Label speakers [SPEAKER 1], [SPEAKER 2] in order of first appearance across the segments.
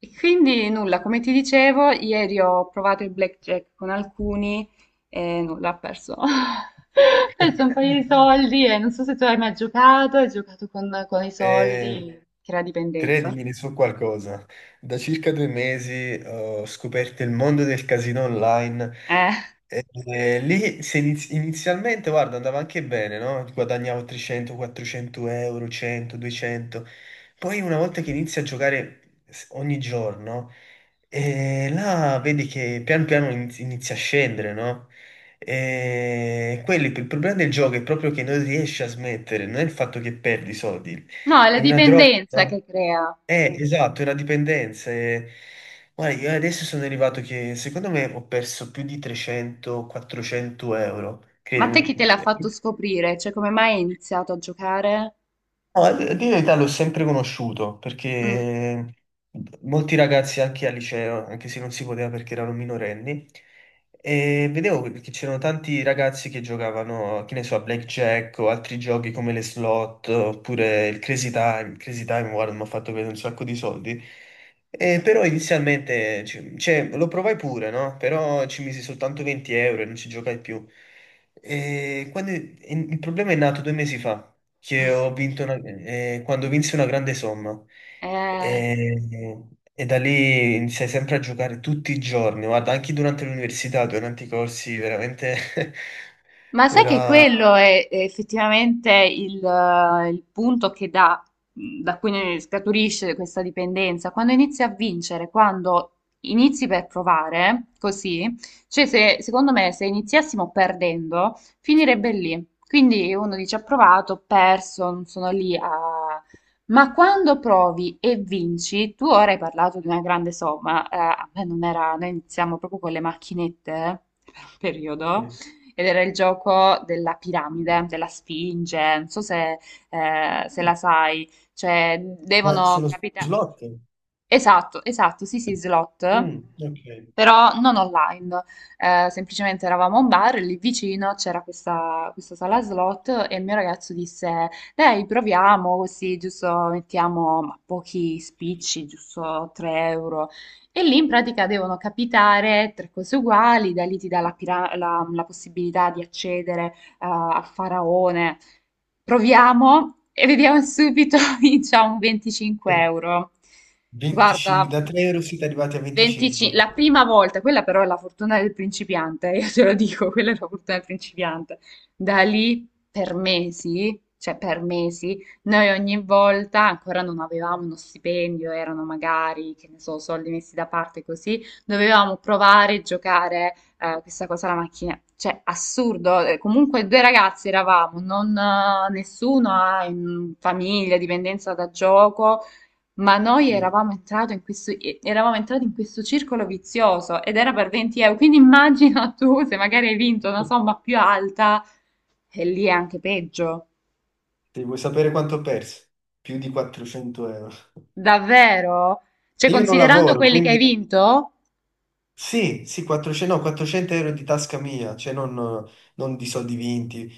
[SPEAKER 1] E quindi nulla, come ti dicevo, ieri ho provato il blackjack con alcuni e nulla, ho perso. Ho perso un paio di soldi e non so se tu hai mai giocato, hai giocato con i
[SPEAKER 2] Eh,
[SPEAKER 1] soldi, crea dipendenza.
[SPEAKER 2] Credimi su qualcosa. Da circa 2 mesi ho scoperto il mondo del casino online.
[SPEAKER 1] Eh.
[SPEAKER 2] E, e lì se inizialmente, guarda, andava anche bene, no? Guadagnavo 300, 400 euro, 100, 200. Poi una volta che inizi a giocare ogni giorno, e là vedi che pian piano inizia a scendere, no? Il problema del gioco è proprio che non riesci a smettere, non è il fatto che perdi soldi,
[SPEAKER 1] No, è la
[SPEAKER 2] è una droga,
[SPEAKER 1] dipendenza
[SPEAKER 2] no?
[SPEAKER 1] che crea.
[SPEAKER 2] Esatto, è una dipendenza. Guarda, io adesso sono arrivato che secondo me ho perso più di 300-400 euro.
[SPEAKER 1] Ma te chi te
[SPEAKER 2] Credimi.
[SPEAKER 1] l'ha fatto scoprire? Cioè, come mai hai iniziato a giocare?
[SPEAKER 2] No, a dire la verità l'ho sempre conosciuto
[SPEAKER 1] Mm.
[SPEAKER 2] perché molti ragazzi anche al liceo, anche se non si poteva perché erano minorenni, e vedevo che c'erano tanti ragazzi che giocavano, che ne so, a blackjack o altri giochi come le slot oppure il Crazy Time. Crazy Time, guarda, mi ha fatto vedere un sacco di soldi. E però inizialmente cioè, lo provai pure, no? Però ci misi soltanto 20 euro e non ci giocai più. E il problema è nato 2 mesi fa che quando vinsi una grande somma
[SPEAKER 1] Eh.
[SPEAKER 2] e, e da lì iniziai sempre a giocare tutti i giorni, guarda, anche durante l'università, durante i corsi, veramente
[SPEAKER 1] Ma sai che
[SPEAKER 2] era.
[SPEAKER 1] quello è effettivamente il punto che dà, da cui ne scaturisce questa dipendenza. Quando inizi a vincere, quando inizi per provare, così, cioè se, secondo me se iniziassimo perdendo, finirebbe lì. Quindi uno dice ho provato, ho perso, non sono lì a. Ma quando provi e vinci, tu ora hai parlato di una grande somma, a me non era, noi iniziamo proprio con le macchinette per un periodo
[SPEAKER 2] Mm.
[SPEAKER 1] ed era il gioco della piramide, della sfinge, non so se, se la sai, cioè
[SPEAKER 2] Ma
[SPEAKER 1] devono
[SPEAKER 2] sullo
[SPEAKER 1] capitare.
[SPEAKER 2] slot?
[SPEAKER 1] Esatto, esatto, sì, sì, slot,
[SPEAKER 2] Mm, ok.
[SPEAKER 1] però non online. Semplicemente eravamo a un bar, lì vicino c'era questa sala slot e il mio ragazzo disse, dai, proviamo così, giusto, mettiamo pochi spicci, giusto 3 euro. E lì in pratica devono capitare tre cose uguali, da lì ti dà la possibilità di accedere al faraone. Proviamo e vediamo subito, vinciamo 25 euro.
[SPEAKER 2] 25,
[SPEAKER 1] Guarda
[SPEAKER 2] da 3 euro siete arrivati a
[SPEAKER 1] 25
[SPEAKER 2] 25.
[SPEAKER 1] la prima volta, quella però è la fortuna del principiante, io te lo dico, quella è la fortuna del principiante. Da lì per mesi, cioè per mesi, noi ogni volta ancora non avevamo uno stipendio, erano magari, che ne so, soldi messi da parte così, dovevamo provare a giocare questa cosa alla macchina. Cioè, assurdo, comunque due ragazzi eravamo, non, nessuno ha in famiglia, dipendenza da gioco, ma noi
[SPEAKER 2] Mm.
[SPEAKER 1] eravamo entrati in questo circolo vizioso ed era per 20 euro, quindi immagina tu se magari hai vinto una somma più alta e lì è anche peggio.
[SPEAKER 2] Se vuoi sapere quanto ho perso? Più di 400 euro.
[SPEAKER 1] Davvero? Cioè,
[SPEAKER 2] E io non
[SPEAKER 1] considerando
[SPEAKER 2] lavoro,
[SPEAKER 1] quelli che hai
[SPEAKER 2] quindi.
[SPEAKER 1] vinto?
[SPEAKER 2] Sì, sì, 400, no, 400 euro di tasca mia, cioè non di soldi vinti.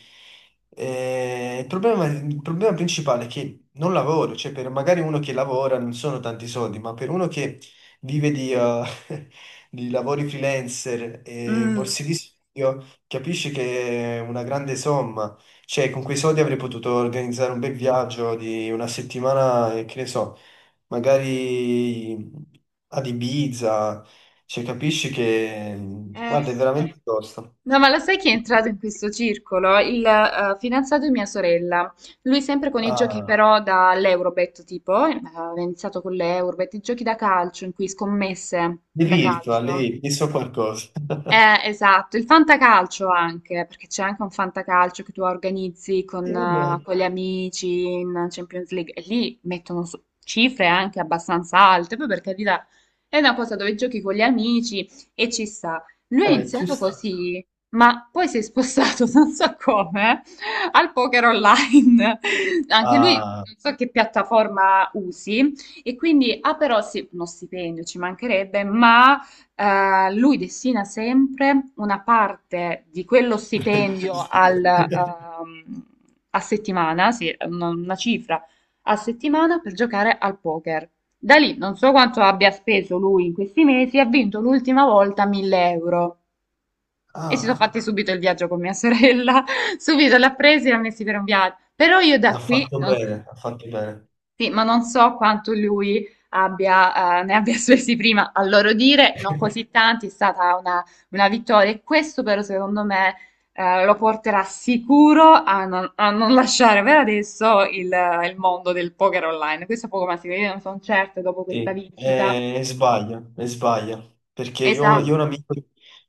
[SPEAKER 2] Il problema principale è che non lavoro, cioè per magari uno che lavora non sono tanti soldi, ma per uno che vive di lavori freelancer e
[SPEAKER 1] Mm.
[SPEAKER 2] borse di studio, capisci che è una grande somma. Cioè con quei soldi avrei potuto organizzare un bel viaggio di una settimana, che ne so, magari ad Ibiza, cioè, capisci che,
[SPEAKER 1] Eh,
[SPEAKER 2] guarda, è
[SPEAKER 1] eh.
[SPEAKER 2] veramente tosta.
[SPEAKER 1] No, ma lo sai chi è entrato in questo circolo? Il fidanzato di mia sorella. Lui sempre con i giochi
[SPEAKER 2] Ah,
[SPEAKER 1] però dall'Eurobet, tipo, aveva iniziato con l'Eurobet, i giochi da calcio in cui scommesse
[SPEAKER 2] l'hai
[SPEAKER 1] da
[SPEAKER 2] visto, ah,
[SPEAKER 1] calcio.
[SPEAKER 2] l'hai visto qualcosa.
[SPEAKER 1] Esatto, il fantacalcio anche, perché c'è anche un fantacalcio che tu organizzi
[SPEAKER 2] E
[SPEAKER 1] con,
[SPEAKER 2] vabbè,
[SPEAKER 1] eh, con gli amici in Champions League e lì mettono cifre anche abbastanza alte, poi per carità è una cosa dove giochi con gli amici e ci sta. Lui ha
[SPEAKER 2] ci
[SPEAKER 1] iniziato
[SPEAKER 2] sta.
[SPEAKER 1] così, ma poi si è spostato, non so come, al poker online. Anche lui, non
[SPEAKER 2] Ah,
[SPEAKER 1] so che piattaforma usi, e quindi ha però sì, uno stipendio, ci mancherebbe, ma lui destina sempre una parte di quello stipendio
[SPEAKER 2] giusto.
[SPEAKER 1] a settimana, sì, una cifra a settimana per giocare al poker. Da lì non so quanto abbia speso lui in questi mesi, ha vinto l'ultima volta 1.000 euro e si sono fatti
[SPEAKER 2] ah,
[SPEAKER 1] subito il viaggio con mia sorella, subito l'ha preso e l'ha messi per un viaggio. Però io
[SPEAKER 2] l'ha
[SPEAKER 1] da qui
[SPEAKER 2] fatto
[SPEAKER 1] non so.
[SPEAKER 2] bene, ha fatto bene,
[SPEAKER 1] Sì, ma non so quanto lui ne abbia spesi prima, a loro dire, non così tanti, è stata una vittoria e questo però secondo me lo porterà sicuro a non, lasciare per adesso il mondo del poker online. Questo è poco ma sicuro, io non sono certa dopo questa
[SPEAKER 2] Sì,
[SPEAKER 1] vincita.
[SPEAKER 2] e sbaglia, perché io,
[SPEAKER 1] Esatto.
[SPEAKER 2] io ho un amico,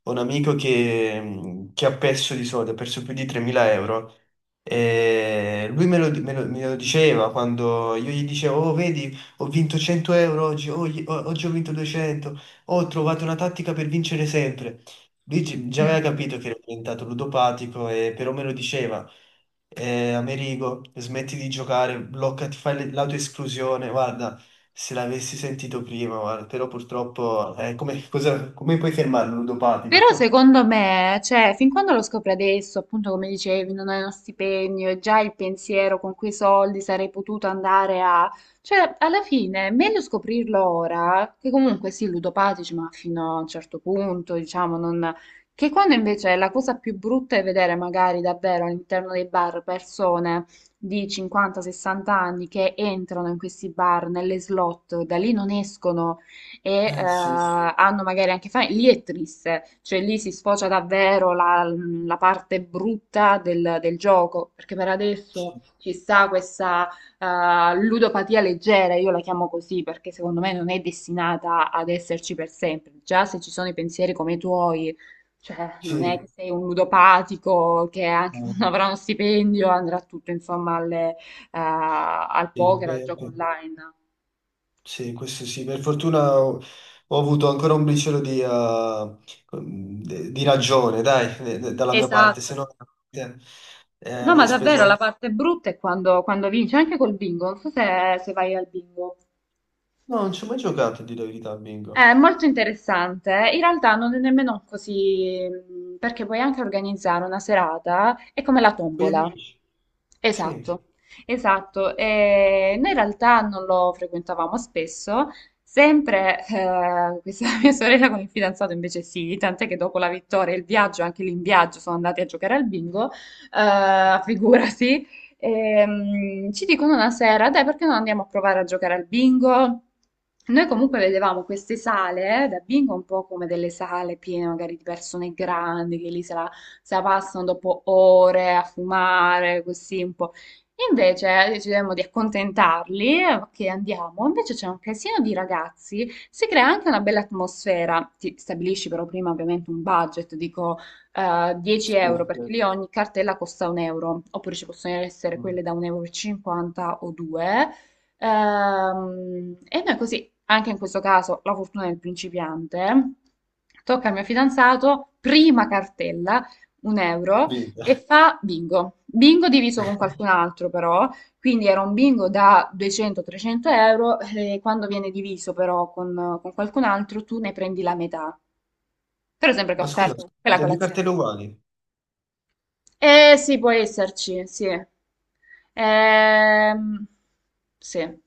[SPEAKER 2] che ha perso più di 3.000 euro, e lui me lo diceva quando io gli dicevo, oh vedi, ho vinto 100 euro oggi, oggi ho vinto 200, "Oh, ho trovato una tattica per vincere sempre." Lui già aveva capito che era diventato ludopatico, però me lo diceva, Amerigo, smetti di giocare, blocca, ti fai l'autoesclusione, guarda, se l'avessi sentito prima, guarda, però purtroppo, come puoi fermarlo,
[SPEAKER 1] Però
[SPEAKER 2] ludopatico?
[SPEAKER 1] secondo me, cioè, fin quando lo scopri adesso, appunto come dicevi, non hai uno stipendio e già il pensiero con quei soldi sarei potuto andare a. Cioè, alla fine è meglio scoprirlo ora, che comunque sì, ludopatici, ma fino a un certo punto, diciamo, non. Che quando invece la cosa più brutta è vedere magari davvero all'interno dei bar persone di 50-60 anni che entrano in questi bar, nelle slot, da lì non escono e
[SPEAKER 2] Sì,
[SPEAKER 1] hanno magari anche famiglie, lì è triste, cioè lì si sfocia davvero la parte brutta del gioco, perché per adesso
[SPEAKER 2] sì,
[SPEAKER 1] ci sta questa ludopatia leggera, io la chiamo così perché secondo me non è destinata ad esserci per sempre, già se ci sono i pensieri come i tuoi, cioè
[SPEAKER 2] sì,
[SPEAKER 1] non è che sei un ludopatico che anche quando avrà uno stipendio andrà tutto insomma al
[SPEAKER 2] sì,
[SPEAKER 1] poker, al
[SPEAKER 2] beh,
[SPEAKER 1] gioco
[SPEAKER 2] beh,
[SPEAKER 1] online.
[SPEAKER 2] sì, questo sì, per fortuna ho avuto ancora un briciolo di ragione, dai, dalla mia parte, se
[SPEAKER 1] Esatto.
[SPEAKER 2] no, eh,
[SPEAKER 1] No, ma
[SPEAKER 2] avrei speso
[SPEAKER 1] davvero la
[SPEAKER 2] anche.
[SPEAKER 1] parte brutta è quando, quando vinci, anche col bingo, non so se vai al bingo.
[SPEAKER 2] No, non ci ho mai giocato, a dire la verità, a
[SPEAKER 1] È
[SPEAKER 2] bingo.
[SPEAKER 1] molto interessante, in realtà non è nemmeno così, perché puoi anche organizzare una serata, è come la
[SPEAKER 2] Con gli
[SPEAKER 1] tombola.
[SPEAKER 2] amici, sì.
[SPEAKER 1] Esatto, esatto. E noi in realtà non lo frequentavamo spesso, sempre questa mia sorella con il fidanzato invece sì, tant'è che dopo la vittoria e il viaggio, anche lì in viaggio, sono andati a giocare al bingo, figurasi. Ci dicono una sera, dai, perché non andiamo a provare a giocare al bingo? Noi comunque vedevamo queste sale, da bingo un po' come delle sale piene magari di persone grandi che lì se la passano dopo ore a fumare, così un po'. Invece decidemmo di accontentarli, che andiamo, invece c'è un casino di ragazzi, si crea anche una bella atmosfera, ti stabilisci però prima ovviamente un budget, dico 10 euro
[SPEAKER 2] Sì,
[SPEAKER 1] perché
[SPEAKER 2] eh,
[SPEAKER 1] lì ogni cartella costa un euro, oppure ci possono essere
[SPEAKER 2] mm,
[SPEAKER 1] quelle da 1,50 euro e cinquanta o 2. E noi così, anche in questo caso, la fortuna del principiante, tocca al mio fidanzato, prima cartella, un euro,
[SPEAKER 2] viva.
[SPEAKER 1] e fa bingo. Bingo diviso con qualcun altro però, quindi era un bingo da 200-300 euro e quando viene diviso però con qualcun altro tu ne prendi la metà. Però sempre che ho
[SPEAKER 2] Ma scusa,
[SPEAKER 1] offerto quella
[SPEAKER 2] sono due
[SPEAKER 1] colazione.
[SPEAKER 2] cartelle uguali.
[SPEAKER 1] Eh sì, può esserci, sì. Ehm, sì,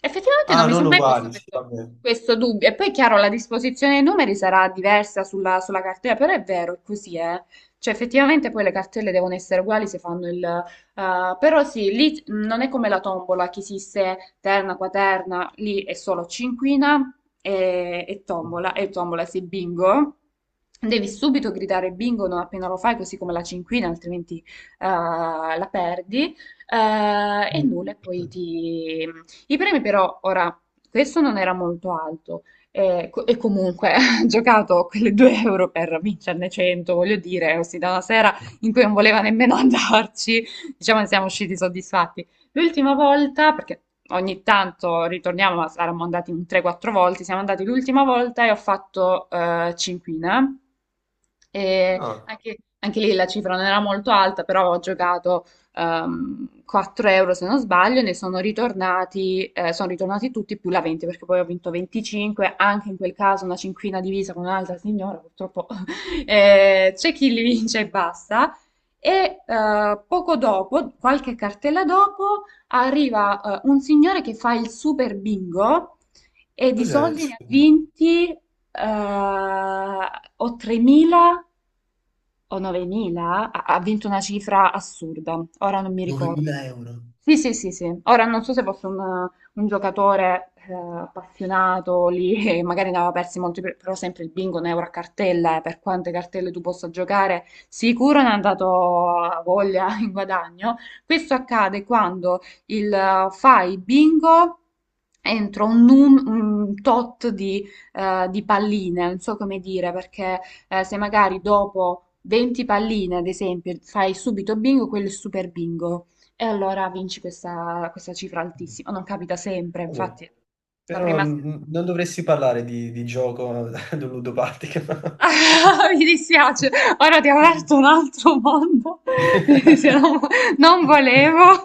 [SPEAKER 1] effettivamente non
[SPEAKER 2] Ah,
[SPEAKER 1] mi
[SPEAKER 2] non
[SPEAKER 1] sono mai posto
[SPEAKER 2] uguali, sì,
[SPEAKER 1] questo,
[SPEAKER 2] vabbè.
[SPEAKER 1] questo dubbio. E poi, chiaro, la disposizione dei numeri sarà diversa sulla cartella, però è vero, è così, eh. Cioè, effettivamente poi le cartelle devono essere uguali se fanno il. Però sì, lì non è come la tombola che esiste terna, quaterna, lì è solo cinquina e tombola, sì, bingo. Devi subito gridare bingo non appena lo fai, così come la cinquina, altrimenti la perdi. E
[SPEAKER 2] Mm.
[SPEAKER 1] nulla, e poi ti. I premi però, ora, questo non era molto alto, e comunque ho giocato quelle 2 euro per vincerne 100, voglio dire, ossia da una sera in cui non voleva nemmeno andarci, diciamo che siamo usciti soddisfatti. L'ultima volta, perché ogni tanto ritorniamo, ma saremmo andati un 3-4 volte, siamo andati l'ultima volta e ho fatto cinquina. E
[SPEAKER 2] Ah,
[SPEAKER 1] anche, anche lì la cifra non era molto alta, però ho giocato 4 euro se non sbaglio, ne sono ritornati tutti più la 20 perché poi ho vinto 25, anche in quel caso una cinquina divisa con un'altra signora, purtroppo c'è chi li vince e basta. E poco dopo, qualche cartella dopo, arriva un signore che fa il super bingo e di
[SPEAKER 2] cos'è il
[SPEAKER 1] soldi ne ha
[SPEAKER 2] souvenir?
[SPEAKER 1] vinti o 3.000 o 9.000, ha vinto una cifra assurda, ora non mi ricordo.
[SPEAKER 2] 9.000 euro.
[SPEAKER 1] Sì, sì, sì, sì. Ora non so se fosse un giocatore appassionato lì e magari ne aveva persi molti, però sempre il bingo, un euro a cartella, per quante cartelle tu possa giocare, sicuro ne ha dato a voglia in guadagno. Questo accade quando fai bingo entro un tot di palline, non so come dire, perché se magari dopo 20 palline, ad esempio, fai subito bingo, quello è super bingo. E allora vinci questa cifra
[SPEAKER 2] Mm,
[SPEAKER 1] altissima. Non capita sempre,
[SPEAKER 2] vabbè.
[SPEAKER 1] infatti, la
[SPEAKER 2] Però,
[SPEAKER 1] prima.
[SPEAKER 2] mm, non dovresti parlare di gioco ad un ludopatico.
[SPEAKER 1] Mi dispiace, ora ti ho aperto un altro mondo. Se non volevo.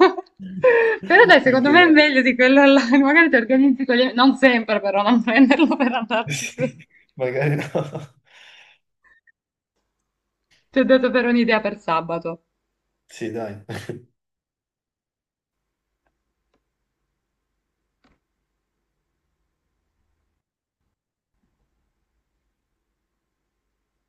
[SPEAKER 1] Però dai,
[SPEAKER 2] Ok,
[SPEAKER 1] secondo me è
[SPEAKER 2] dai.
[SPEAKER 1] meglio di quello online. Magari ti organizzi con gli. Non sempre, però, non prenderlo per andarci su.
[SPEAKER 2] Sì, magari no.
[SPEAKER 1] Ti ho dato per un'idea per sabato.
[SPEAKER 2] Sì, dai.